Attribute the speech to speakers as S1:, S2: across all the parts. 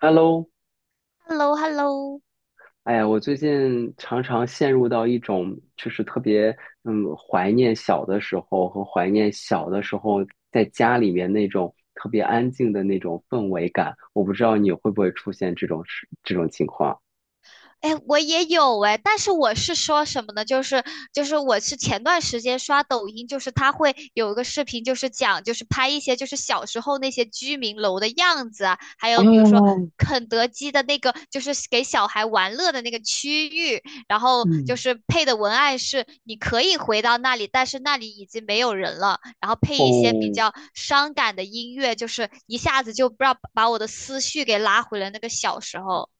S1: Hello,
S2: h e l l o h e l l o
S1: 哎呀，我最近常常陷入到一种就是特别怀念小的时候和怀念小的时候在家里面那种特别安静的那种氛围感。我不知道你会不会出现这种情况。
S2: 哎，我也有哎，但是我是说什么呢？就是我是前段时间刷抖音，就是它会有一个视频，就是讲就是拍一些就是小时候那些居民楼的样子啊，还
S1: 啊，
S2: 有比如说肯德基的那个就是给小孩玩乐的那个区域，然后就
S1: 嗯，
S2: 是配的文案是你可以回到那里，但是那里已经没有人了，然后配一些比
S1: 哦，
S2: 较伤感的音乐，就是一下子就不知道把我的思绪给拉回了那个小时候。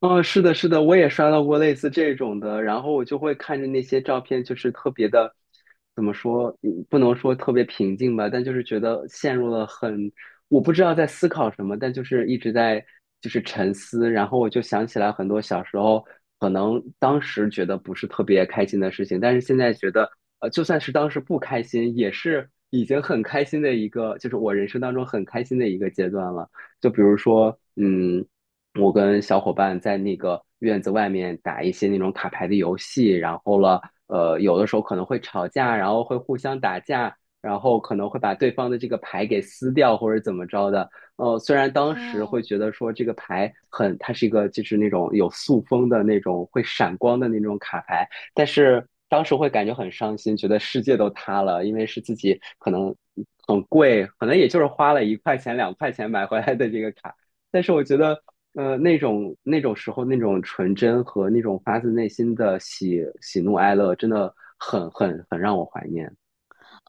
S1: 哦，是的，是的，我也刷到过类似这种的，然后我就会看着那些照片，就是特别的，怎么说，不能说特别平静吧，但就是觉得陷入了很，我不知道在思考什么，但就是一直在沉思，然后我就想起来很多小时候，可能当时觉得不是特别开心的事情，但是现在觉得，就算是当时不开心，也是已经很开心的一个，就是我人生当中很开心的一个阶段了。就比如说，嗯。我跟小伙伴在那个院子外面打一些那种卡牌的游戏，然后了，有的时候可能会吵架，然后会互相打架，然后可能会把对方的这个牌给撕掉或者怎么着的。虽然当时
S2: 嗯，
S1: 会觉得说这个牌很，它是一个就是那种有塑封的那种会闪光的那种卡牌，但是当时会感觉很伤心，觉得世界都塌了，因为是自己可能很贵，可能也就是花了一块钱两块钱买回来的这个卡。但是我觉得那种时候那种纯真和那种发自内心的喜喜怒哀乐，真的很让我怀念。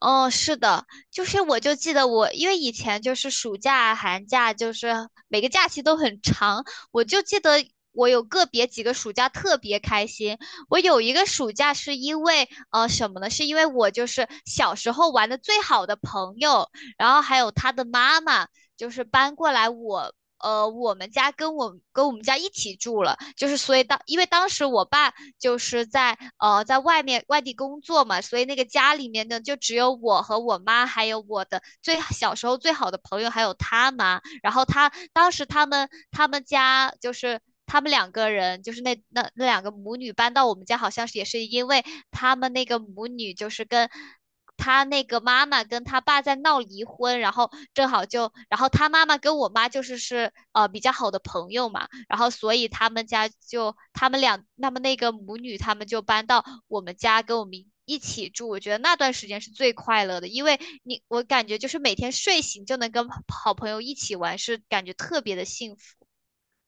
S2: 哦，是的，就是我就记得我，因为以前就是暑假、寒假，就是每个假期都很长，我就记得我有个别几个暑假特别开心。我有一个暑假是因为什么呢？是因为我就是小时候玩的最好的朋友，然后还有他的妈妈，就是搬过来我。我们家跟我跟我们家一起住了，就是所以当因为当时我爸就是在在外面外地工作嘛，所以那个家里面呢就只有我和我妈，还有我的最小时候最好的朋友，还有他妈。然后他当时他们家就是他们两个人，就是那两个母女搬到我们家，好像是也是因为他们那个母女就是跟他那个妈妈跟他爸在闹离婚，然后正好就，然后他妈妈跟我妈就是是比较好的朋友嘛，然后所以他们家就他们俩，他们那个母女他们就搬到我们家跟我们一起住，我觉得那段时间是最快乐的，因为你我感觉就是每天睡醒就能跟好朋友一起玩，是感觉特别的幸福。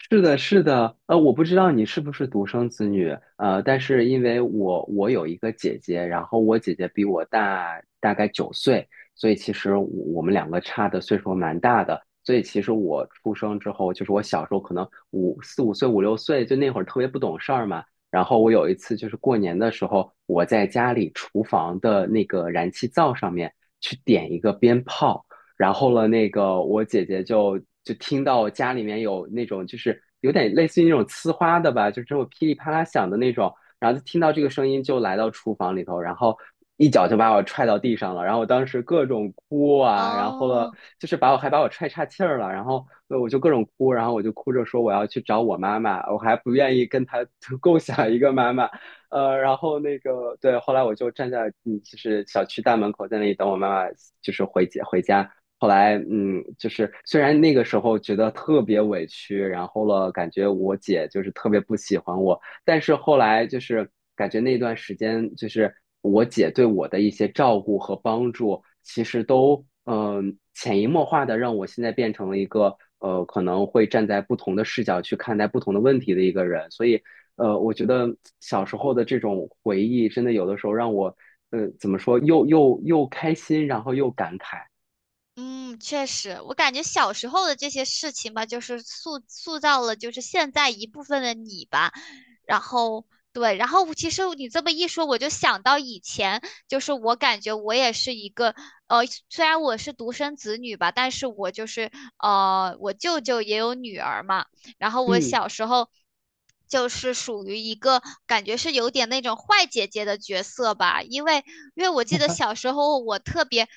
S1: 是的，是的，我不知道你是不是独生子女，但是因为我有一个姐姐，然后我姐姐比我大大概9岁，所以其实我我们两个差的岁数蛮大的，所以其实我出生之后，就是我小时候可能五六岁，就那会儿特别不懂事儿嘛，然后我有一次就是过年的时候，我在家里厨房的那个燃气灶上面去点一个鞭炮。然后了，那个我姐姐就听到家里面有那种就是有点类似于那种呲花的吧，就是这种噼里啪啦响的那种，然后就听到这个声音就来到厨房里头，然后一脚就把我踹到地上了，然后我当时各种哭啊，然后了
S2: 哦，
S1: 就是把我踹岔气儿了，然后我就各种哭，然后我就哭着说我要去找我妈妈，我还不愿意跟她 共享一个妈妈，然后那个对，后来我就站在就是小区大门口在那里等我妈妈，就是回家。后来，嗯，就是虽然那个时候觉得特别委屈，然后了，感觉我姐就是特别不喜欢我，但是后来就是感觉那段时间，就是我姐对我的一些照顾和帮助，其实都潜移默化的让我现在变成了一个可能会站在不同的视角去看待不同的问题的一个人，所以我觉得小时候的这种回忆，真的有的时候让我怎么说，又开心，然后又感慨，
S2: 嗯，确实，我感觉小时候的这些事情吧，就是塑造了就是现在一部分的你吧。然后对，然后其实你这么一说，我就想到以前，就是我感觉我也是一个呃，虽然我是独生子女吧，但是我就是我舅舅也有女儿嘛。然后我
S1: 嗯。
S2: 小时候就是属于一个感觉是有点那种坏姐姐的角色吧，因为我记得小时候我特别。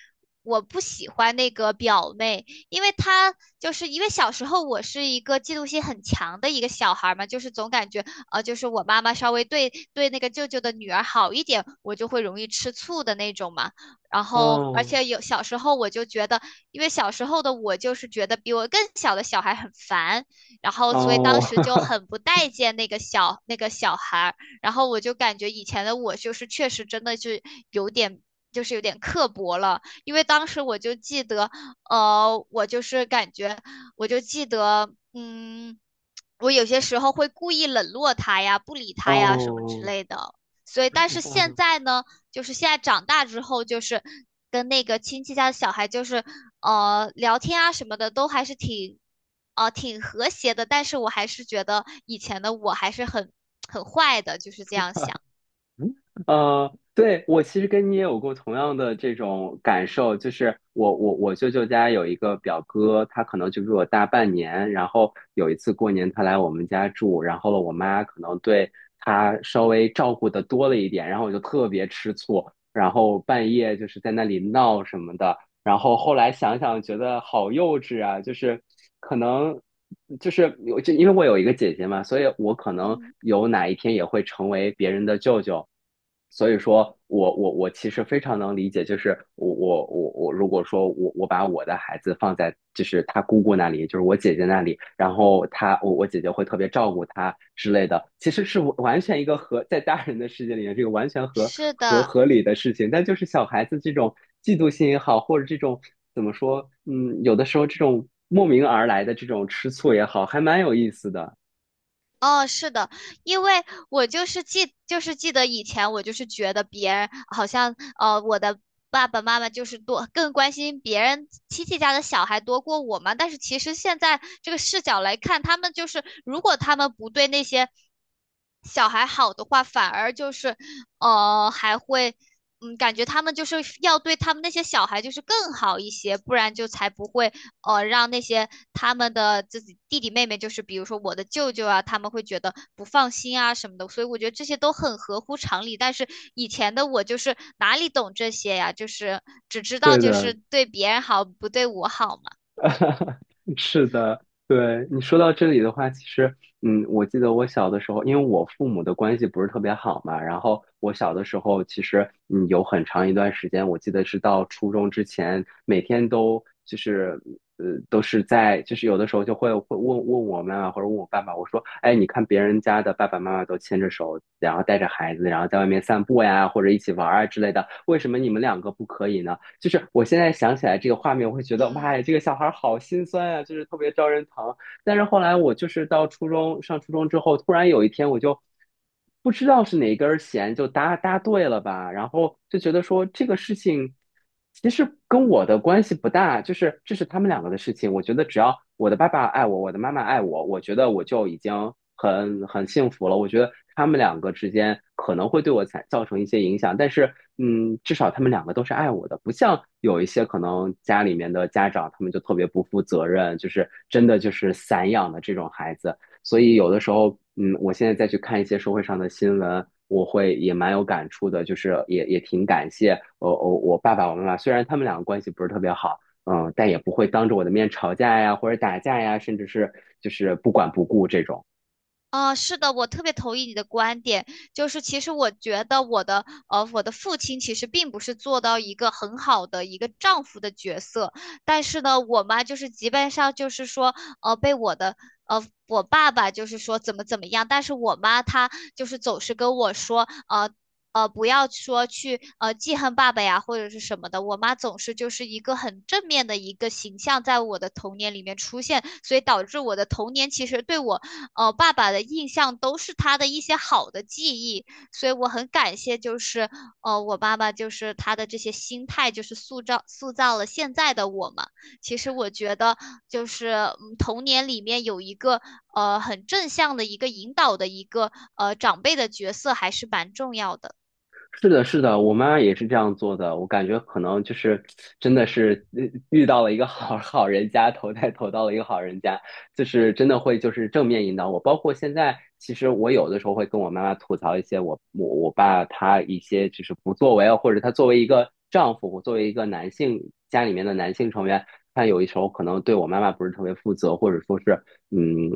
S2: 我不喜欢那个表妹，因为她就是因为小时候我是一个嫉妒心很强的一个小孩儿嘛，就是总感觉就是我妈妈稍微对那个舅舅的女儿好一点，我就会容易吃醋的那种嘛。然后，而
S1: 哦
S2: 且有小时候我就觉得，因为小时候的我就是觉得比我更小的小孩很烦，然后所以当
S1: 哦
S2: 时就 很不待见那个小孩儿，然后我就感觉以前的我就是确实真的是有点。就是有点刻薄了，因为当时我就记得，我就是感觉，我就记得，嗯，我有些时候会故意冷落他呀，不理他呀，什么之
S1: 哦，
S2: 类的。所以，但是现
S1: 哦，
S2: 在呢，就是现在长大之后，就是跟那个亲戚家的小孩，就是聊天啊什么的，都还是挺挺和谐的。但是我还是觉得以前的我还是很坏的，就是这样想。
S1: 嗯对，我其实跟你也有过同样的这种感受，就是我舅舅家有一个表哥，他可能就比我大半年，然后有一次过年他来我们家住，然后我妈可能对他稍微照顾的多了一点，然后我就特别吃醋，然后半夜就是在那里闹什么的，然后后来想想，觉得好幼稚啊！就是可能，就是有，就因为我有一个姐姐嘛，所以我可能
S2: 嗯，
S1: 有哪一天也会成为别人的舅舅。所以说我其实非常能理解，就是我如果说我把我的孩子放在就是他姑姑那里，就是我姐姐那里，然后我姐姐会特别照顾他之类的，其实是完全一个在大人的世界里面，这个完全
S2: 是
S1: 合
S2: 的，
S1: 合理的事情，但就是小孩子这种嫉妒心也好，或者这种怎么说，嗯，有的时候这种莫名而来的这种吃醋也好，还蛮有意思的。
S2: 哦，是的，因为我就是记，就是记得以前我就是觉得别人好像，我的爸爸妈妈就是多更关心别人亲戚家的小孩多过我嘛。但是其实现在这个视角来看，他们就是如果他们不对那些小孩好的话，反而就是，还会，嗯，感觉他们就是要对他们那些小孩就是更好一些，不然就才不会哦，让那些他们的自己弟弟妹妹，就是比如说我的舅舅啊，他们会觉得不放心啊什么的，所以我觉得这些都很合乎常理。但是以前的我就是哪里懂这些呀，就是只知道
S1: 对
S2: 就是
S1: 的，
S2: 对别人好，不对我好嘛。
S1: 是的，对你说到这里的话，其实，嗯，我记得我小的时候，因为我父母的关系不是特别好嘛，然后我小的时候，其实，嗯，有很长一段时间，我记得是到初中之前，每天都就是，都是在，就是有的时候就会问问我妈妈或者问我爸爸，我说，哎，你看别人家的爸爸妈妈都牵着手，然后带着孩子，然后在外面散步呀，或者一起玩儿啊之类的，为什么你们两个不可以呢？就是我现在想起来这个画面，我会觉得
S2: 嗯，
S1: 哇，这个小孩好心酸啊，就是特别招人疼。但是后来我就是到初中上初中之后，突然有一天我就不知道是哪根弦就搭对了吧，然后就觉得说这个事情其实跟我的关系不大，就是这是他们两个的事情。我觉得只要我的爸爸爱我，我的妈妈爱我，我觉得我就已经很幸福了。我觉得他们两个之间可能会对我产造成一些影响，但是嗯，至少他们两个都是爱我的，不像有一些可能家里面的家长，他们就特别不负责任，就是真的就是散养的这种孩子。所以有的时候，嗯，我现在再去看一些社会上的新闻，我会也蛮有感触的，就是也挺感谢我爸爸我妈妈，虽然他们两个关系不是特别好。嗯，但也不会当着我的面吵架呀，或者打架呀，甚至是就是不管不顾这种。
S2: 啊，是的，我特别同意你的观点，就是其实我觉得我的我的父亲其实并不是做到一个很好的一个丈夫的角色，但是呢，我妈就是基本上就是说，被我的我爸爸就是说怎么怎么样，但是我妈她就是总是跟我说，呃。不要说去记恨爸爸呀，或者是什么的。我妈总是就是一个很正面的一个形象，在我的童年里面出现，所以导致我的童年其实对我哦，爸爸的印象都是他的一些好的记忆，所以我很感谢，就是我爸爸就是他的这些心态，就是塑造了现在的我嘛。其实我觉得就是嗯童年里面有一个很正向的一个引导的一个长辈的角色还是蛮重要的。
S1: 是的，是的，我妈也是这样做的。我感觉可能就是真的是遇到了一个 好人家，投到了一个好人家，就是真的会就是正面引导我。包括现在，其实我有的时候会跟我妈妈吐槽一些我爸他一些就是不作为啊，或者他作为一个丈夫，我作为一个男性家里面的男性成员，他有一时候可能对我妈妈不是特别负责，或者说是嗯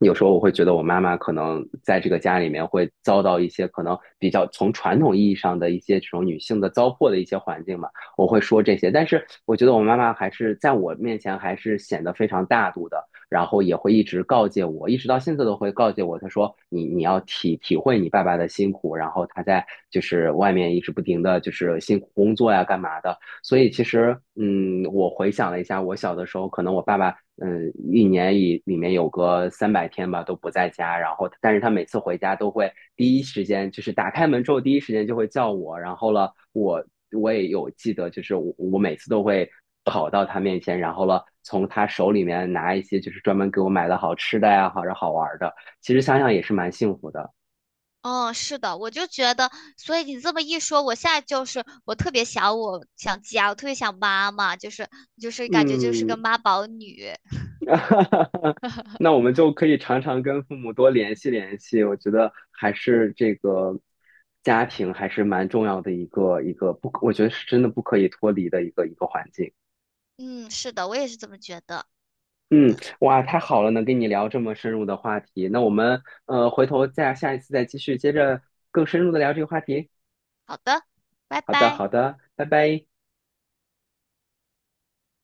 S1: 有时候我会觉得我妈妈可能在这个家里面会遭到一些可能比较从传统意义上的一些这种女性的糟粕的一些环境嘛，我会说这些。但是我觉得我妈妈还是在我面前还是显得非常大度的，然后也会一直告诫我，一直到现在都会告诫我，她说你要体会你爸爸的辛苦，然后他在就是外面一直不停的就是辛苦工作呀干嘛的。所以其实嗯，我回想了一下，我小的时候可能我爸爸嗯，一年里面有个300天吧，都不在家。然后，但是他每次回家都会第一时间，就是打开门之后第一时间就会叫我。然后了，我也有记得，就是我每次都会跑到他面前，然后了从他手里面拿一些就是专门给我买的好吃的呀，或者好玩的。其实想想也是蛮幸福的。
S2: 嗯，是的，我就觉得，所以你这么一说，我现在就是我特别想我想家，我特别想妈妈，就是就是感觉就是
S1: 嗯，
S2: 个妈宝女。
S1: 那我们就可以常常跟父母多联系联系，我觉得还是这个家庭还是蛮重要的一个不可，我觉得是真的不可以脱离的一个环境。
S2: 嗯，是的，我也是这么觉得。
S1: 嗯，哇，太好了，能跟你聊这么深入的话题。那我们回头下一次再继续接着更深入的聊这个话题。
S2: 好的，拜
S1: 好的，
S2: 拜。
S1: 好的，拜拜。